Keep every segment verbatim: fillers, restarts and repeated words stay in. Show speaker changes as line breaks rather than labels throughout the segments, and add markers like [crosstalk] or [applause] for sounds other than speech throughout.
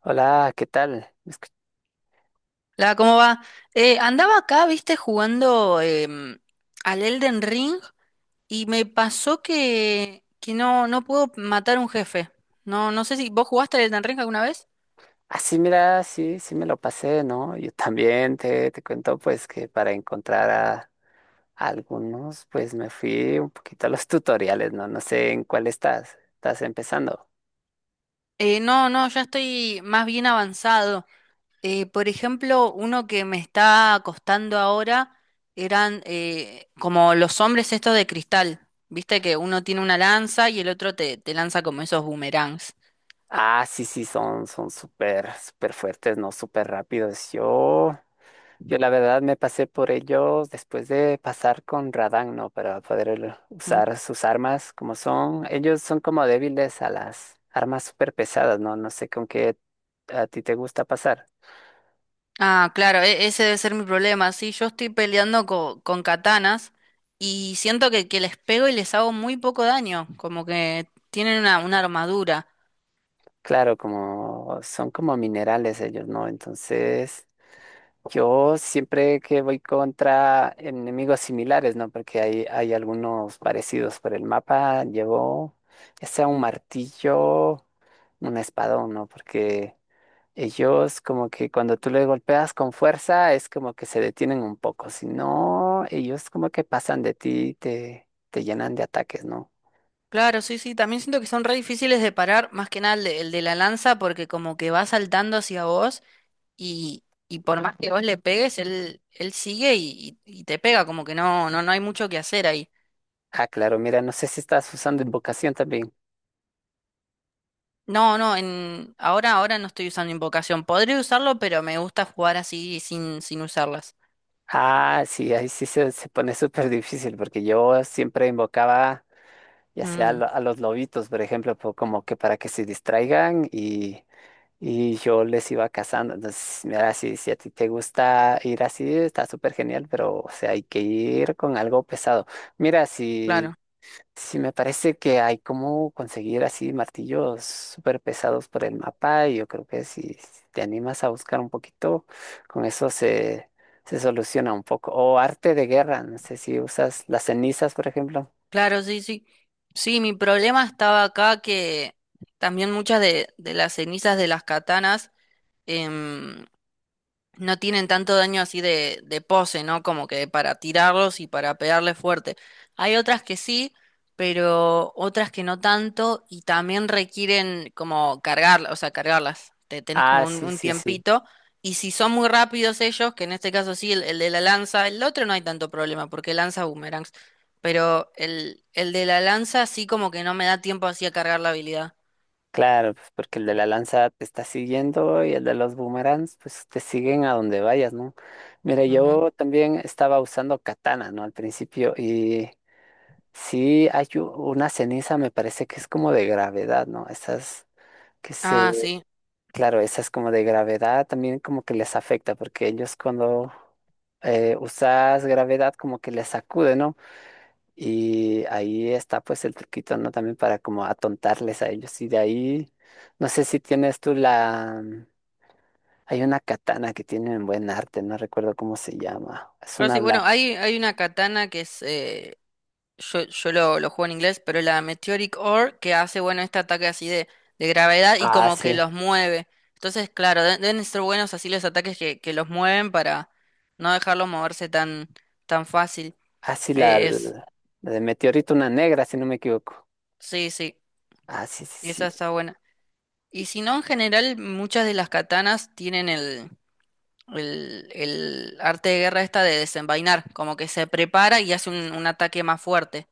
Hola, ¿qué tal? Escu-
La, ¿cómo va? Eh, andaba acá, viste, jugando em, al Elden Ring y me pasó que, que no, no puedo matar un jefe. No, no sé si vos jugaste al Elden Ring alguna vez.
Ah, sí, mira, sí, sí me lo pasé, ¿no? Yo también te, te cuento, pues, que para encontrar a, a algunos, pues, me fui un poquito a los [laughs] tutoriales, ¿no? No sé en cuál estás, estás empezando.
Eh, no, no, Ya estoy más bien avanzado. Eh, por ejemplo, uno que me está costando ahora eran eh, como los hombres estos de cristal. Viste que uno tiene una lanza y el otro te, te lanza como esos boomerangs.
Ah, sí, sí, son, son súper, súper fuertes, ¿no? Súper rápidos. Yo Yo la verdad me pasé por ellos después de pasar con Radan, ¿no? Para poder el-
¿Mm?
usar sus armas como son. Ellos son como débiles a las armas súper pesadas, ¿no? No sé con qué a ti te gusta pasar.
Ah, claro, e- ese debe ser mi problema. Sí, yo estoy peleando co- con katanas y siento que, que les pego y les hago muy poco daño, como que tienen una, una armadura.
Claro, como son como minerales ellos, ¿no? Entonces, yo siempre que voy contra enemigos similares, ¿no? Porque hay, hay algunos parecidos por el mapa, llevo ya sea un martillo, un espadón, ¿no? Porque... Ellos como que cuando tú le golpeas con fuerza es como que se detienen un poco, si no, ellos como que pasan de ti, y te, te llenan de ataques, ¿no?
Claro, sí, sí, también siento que son re difíciles de parar, más que nada el de, el de la lanza, porque como que va saltando hacia vos y, y por más que vos le pegues, él, él sigue y, y- y te pega, como que no, no, no hay mucho que hacer ahí.
Ah, claro, mira, no sé si estás usando invocación también.
No, no, en, ahora, ahora no estoy usando invocación. Podría usarlo, pero me gusta jugar así sin, sin usarlas.
Ah, sí, ahí sí se, se pone súper difícil porque yo siempre invocaba ya sea a,
Mm.
lo- a los lobitos, por ejemplo, po- como que para que se distraigan. Y yo les iba cazando. Entonces, mira, si, si a ti te gusta ir así, está súper genial, pero o sea, hay que ir con algo pesado. Mira, si,
Claro,
si me parece que hay como conseguir así martillos súper pesados por el mapa, y yo creo que si si te animas a buscar un poquito, con eso se, se soluciona un poco. O arte de guerra, no sé si usas las cenizas, por ejemplo.
claro, sí, sí. Sí, mi problema estaba acá que también muchas de, de las cenizas de las katanas em, no tienen tanto daño así de, de pose, ¿no? Como que para tirarlos y para pegarle fuerte. Hay otras que sí, pero otras que no tanto y también requieren como cargarlas, o sea, cargarlas. Te tenés
Ah,
como un,
sí,
un
sí, sí.
tiempito. Y si son muy rápidos ellos, que en este caso sí, el, el de la lanza, el otro no hay tanto problema porque lanza boomerangs, pero el, el de la lanza sí como que no me da tiempo así a cargar la habilidad.
Claro, pues porque el de la lanza te está siguiendo y el de los boomerangs, pues te siguen a donde vayas, ¿no? Mira,
Ujú.
yo también estaba usando katana, ¿no? Al principio y sí hay u- una ceniza, me parece que es como de gravedad, ¿no? Esas que se,
Ah, sí.
claro, esas como de gravedad también como que les afecta porque ellos cuando eh, usas gravedad como que les sacude, ¿no? Y ahí está pues el truquito, ¿no? También para como atontarles a ellos. Y de ahí, no sé si tienes tú la... mm, hay una katana que tienen buen arte, no recuerdo cómo se llama. Es
Pero
una
sí, bueno,
blanca.
hay, hay una katana que es eh, yo, yo lo, lo juego en inglés, pero la Meteoric Ore que hace, bueno, este ataque así de, de gravedad y
Ah,
como que
sí.
los mueve. Entonces, claro, de- deben ser buenos así los ataques que, que los mueven para no dejarlos moverse tan, tan fácil.
Ah, sí, la,
Eh,
la
es,
de meteorito, una negra, si no me equivoco.
sí, sí,
Ah, sí, sí,
esa
sí.
está buena. Y si no, en general, muchas de las katanas tienen el, el, el arte de guerra esta de desenvainar, como que se prepara y hace un, un ataque más fuerte.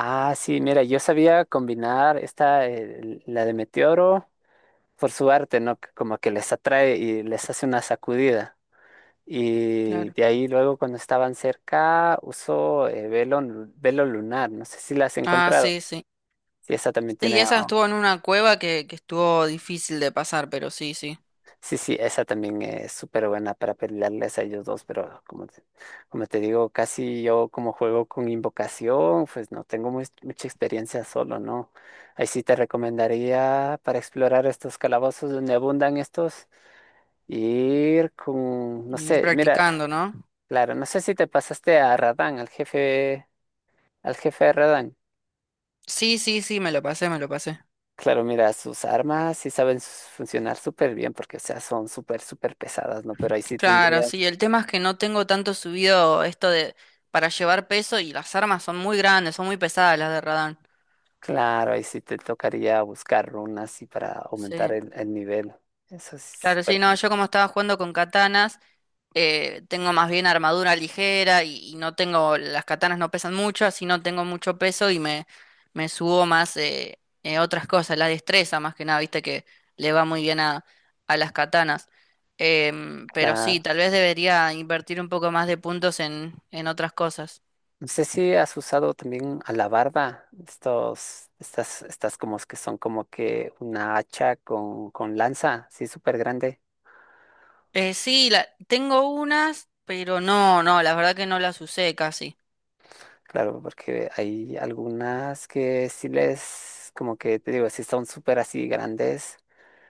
Ah, sí, mira, yo sabía combinar esta, eh, la de meteoro, por su arte, ¿no? Como que les atrae y les hace una sacudida. Y
Claro.
de ahí luego cuando estaban cerca usó eh, velo, lu- velo lunar, no sé si la has
Ah,
encontrado.
sí, sí.
Sí, esa también
Sí,
tiene,
esa
um,
estuvo en una cueva que, que estuvo difícil de pasar, pero sí, sí.
sí, sí, esa también es súper buena para pelearles a ellos dos, pero como te, como te digo, casi yo como juego con invocación, pues no tengo muy- mucha experiencia solo, ¿no? Ahí sí te recomendaría para explorar estos calabozos donde abundan estos, ir con, no
Ir
sé, mira,
practicando, ¿no?
claro, no sé si te pasaste a Radán, al jefe. Al jefe de Radan.
Sí, sí, sí, me lo pasé, me lo pasé.
Claro, mira, sus armas sí saben s- funcionar súper bien porque, o sea, son súper, súper pesadas, ¿no? Pero ahí sí
Claro,
tendrías,
sí, el tema es que no tengo tanto subido esto de para llevar peso y las armas son muy grandes, son muy pesadas las de Radán.
claro, ahí sí te tocaría buscar runas y para
Sí,
aumentar el, el nivel. Eso es
claro, sí,
súper
no,
complicado.
yo como estaba jugando con katanas, eh, tengo más bien armadura ligera y, y no tengo, las katanas no pesan mucho, así no tengo mucho peso y me, me subo más eh, eh, otras cosas, la destreza más que nada, viste que le va muy bien a, a las katanas. Em, pero sí,
Claro.
tal vez debería invertir un poco más de puntos en, en otras cosas.
No sé si has usado también alabarda, estos, estas, estas como que son como que una hacha con, con lanza, sí, súper grande.
Eh, sí, la, tengo unas, pero no, no, la verdad que no las usé casi.
Claro, porque hay algunas que sí les, como que te digo, sí son súper así grandes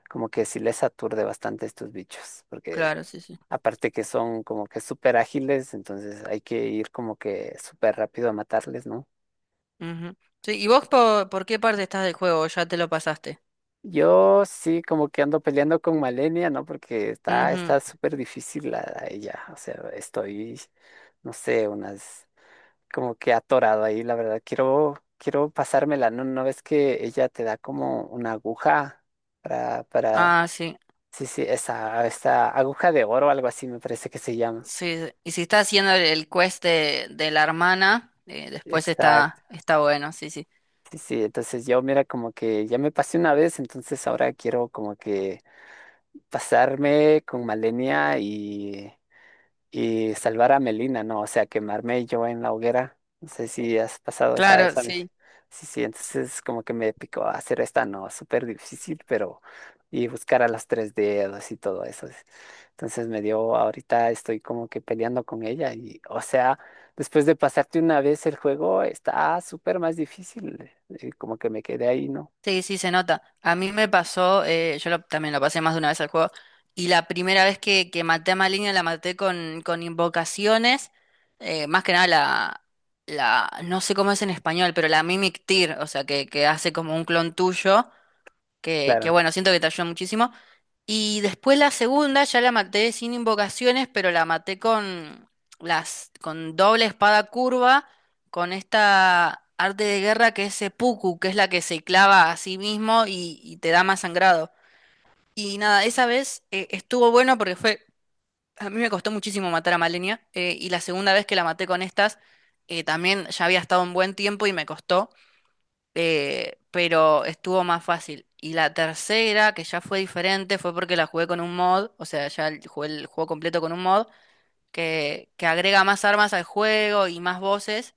como que sí les aturde bastante estos bichos, porque
Claro, sí, sí.
aparte que son como que súper ágiles, entonces hay que ir como que súper rápido a matarles, ¿no?
Ujú. Sí, ¿y vos po- por, qué parte estás del juego? ¿Ya te lo pasaste?
Yo sí como que ando peleando con Malenia, ¿no? Porque está
Ujú.
está súper difícil la, ella, o sea, estoy, no sé, unas, como que atorado ahí, la verdad, quiero, quiero pasármela, ¿no? ¿No ves que ella te da como una aguja para, para,
Ah, sí.
sí, sí, esa, esta aguja de oro, algo así me parece que se llama?
Sí, y si está haciendo el el quest de, de la hermana, eh, después
Exacto.
está, está bueno, sí, sí.
Sí, sí, entonces yo mira como que ya me pasé una vez, entonces ahora quiero como que pasarme con Malenia y y salvar a Melina, ¿no? O sea, quemarme yo en la hoguera. No sé si has pasado esa,
Claro,
esa. vez.
sí.
Sí, sí, entonces como que me picó hacer esta, no, súper difícil, pero y buscar a los tres dedos y todo eso. Entonces me dio, ahorita estoy como que peleando con ella y, o sea, después de pasarte una vez el juego, está súper más difícil. eh, Como que me quedé ahí, ¿no?
Sí, sí, se nota. A mí me pasó, eh, yo lo- también lo pasé más de una vez al juego, y la primera vez que, que maté a Maligna la maté con, con invocaciones, eh, más que nada la, la, no sé cómo es en español, pero la Mimic Tear, o sea, que, que hace como un clon tuyo, que, que
Claro.
bueno, siento que te ayuda muchísimo. Y después la segunda ya la maté sin invocaciones, pero la maté con las con doble espada curva, con esta arte de guerra que es seppuku, que es la que se clava a sí mismo y, y te da más sangrado. Y nada, esa vez eh, estuvo bueno porque fue a mí me costó muchísimo matar a Malenia, eh, y la segunda vez que la maté con estas eh, también ya había estado un buen tiempo y me costó, eh, pero estuvo más fácil. Y la tercera, que ya fue diferente, fue porque la jugué con un mod, o sea, ya el- jugué el juego completo con un mod, que, que agrega más armas al juego y más voces.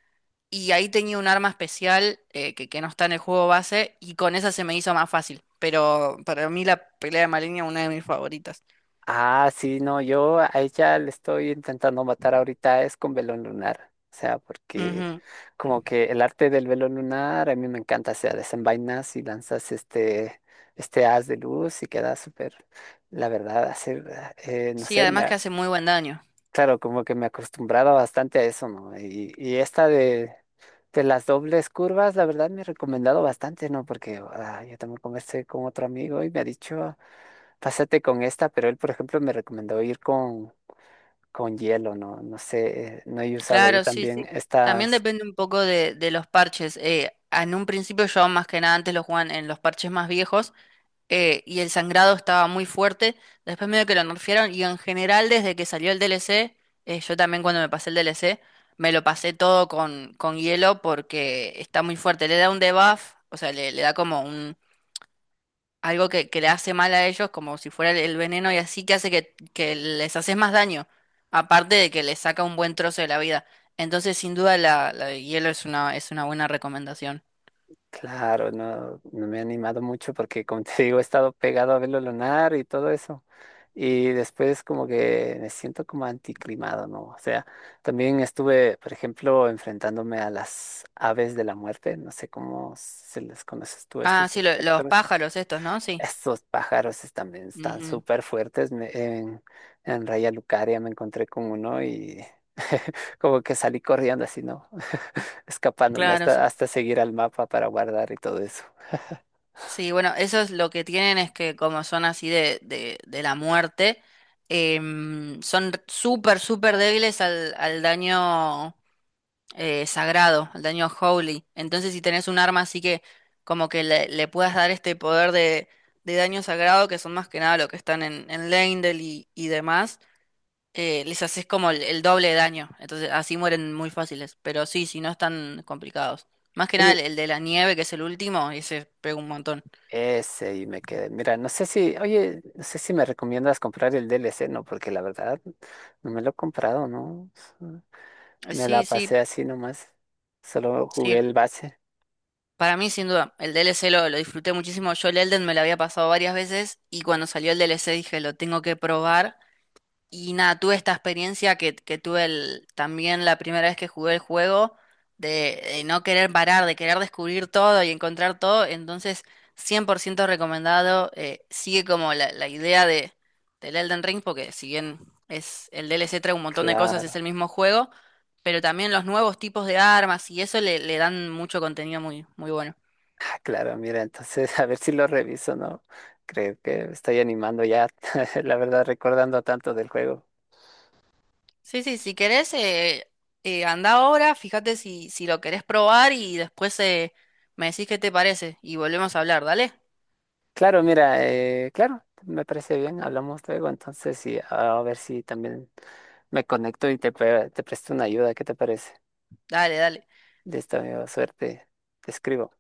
Y ahí tenía un arma especial eh, que, que no está en el juego base, y con esa se me hizo más fácil. Pero para mí la pelea de Malenia es una de mis favoritas.
Ah, sí, no, yo a ella le estoy intentando matar ahorita es con velo lunar. O sea, porque
Ujú.
como que el arte del velo lunar a mí me encanta. O sea, desenvainas y lanzas este, este haz de luz y queda súper, la verdad, hacer, eh, no
Sí,
sé, me,
además que
ha-
hace muy buen daño.
claro, como que me he acostumbrado bastante a eso, ¿no? Y, y esta de, de las dobles curvas, la verdad me he recomendado bastante, ¿no? Porque ah, yo también conversé con otro amigo y me ha dicho. Pásate con esta, pero él, por ejemplo, me recomendó ir con, con hielo, no, no sé, eh, no he usado yo
Claro, sí,
también
sí. También
estas,
depende un poco de, de los parches. Eh, en un principio yo más que nada antes lo jugaban en los parches más viejos. Eh, y el sangrado estaba muy fuerte. Después medio que lo nerfearon y en general desde que salió el D L C. Eh, yo también cuando me pasé el D L C, me lo pasé todo con, con hielo porque está muy fuerte. Le da un debuff, o sea, le, le da como un algo que, que le hace mal a ellos, como si fuera el, el veneno y así que hace que, que les haces más daño, aparte de que les saca un buen trozo de la vida. Entonces, sin duda, la, la de hielo es una, es una buena recomendación.
claro, no, no me he animado mucho porque, como te [laughs] digo, he estado pegado a verlo lunar y todo eso. Y después como que me siento como anticlimado, ¿no? O sea, también estuve, por ejemplo, enfrentándome a las aves de la muerte, no sé cómo se les conoces tú
Ah,
estos
sí, lo- los
espectros.
pájaros estos, ¿no? Sí.
Estos pájaros están, bien- están
Ujú.
súper fuertes. me- en, en Raya Lucaria me encontré con uno y [laughs] como que salí corriendo así, ¿no? [laughs] Escapándome
Claro,
hasta,
sí.
hasta seguir al mapa para guardar y todo eso.
Sí, bueno, eso es lo que tienen es que como son así de, de, de la muerte, em, son súper, súper débiles al, al daño eh, sagrado, al daño holy. Entonces si tenés un arma así que como que le, le puedas dar este poder de, de daño sagrado, que son más que nada lo que están en, en Leyndell y, y demás, eh, les haces como el, el doble de daño. Entonces así mueren muy fáciles, pero sí, si no están complicados. Más que nada el,
Oye,
el de la nieve, que es el último, ese pega un montón.
ese y me quedé. Mira, no sé si, oye, no sé si me recomiendas comprar el D L C, ¿no? Porque la verdad no me lo he comprado, ¿no?
Eh,
Me la
Sí,
pasé
sí,
así nomás. Solo jugué
sí.
el base.
Para mí, sin duda, el D L C lo, lo disfruté muchísimo. Yo el Elden me lo había pasado varias veces y cuando salió el D L C dije, lo tengo que probar. Y nada, tuve esta experiencia que, que tuve el- también la primera vez que jugué el juego, de, de no querer parar, de querer descubrir todo y encontrar todo. Entonces, cien por ciento recomendado. Eh, sigue como la, la idea de, del Elden Ring, porque si bien es el D L C trae un montón de cosas,
Claro.
es el mismo juego, pero también los nuevos tipos de armas y eso le, le dan mucho contenido muy, muy bueno.
Ah, claro, mira, entonces [laughs] a ver si lo reviso, ¿no? Creo que me estoy animando ya, [laughs] la verdad, recordando tanto del juego.
Sí, sí, si querés, eh, eh, anda ahora, fíjate si, si lo querés probar y después eh, me decís qué te parece y volvemos a hablar, ¿dale?
Claro, mira, eh, claro, me parece bien, hablamos luego, entonces y a ver si también me conecto y te, pre- te presto una ayuda, ¿qué te parece?
Dale, dale.
Listo, amigo, suerte, te escribo.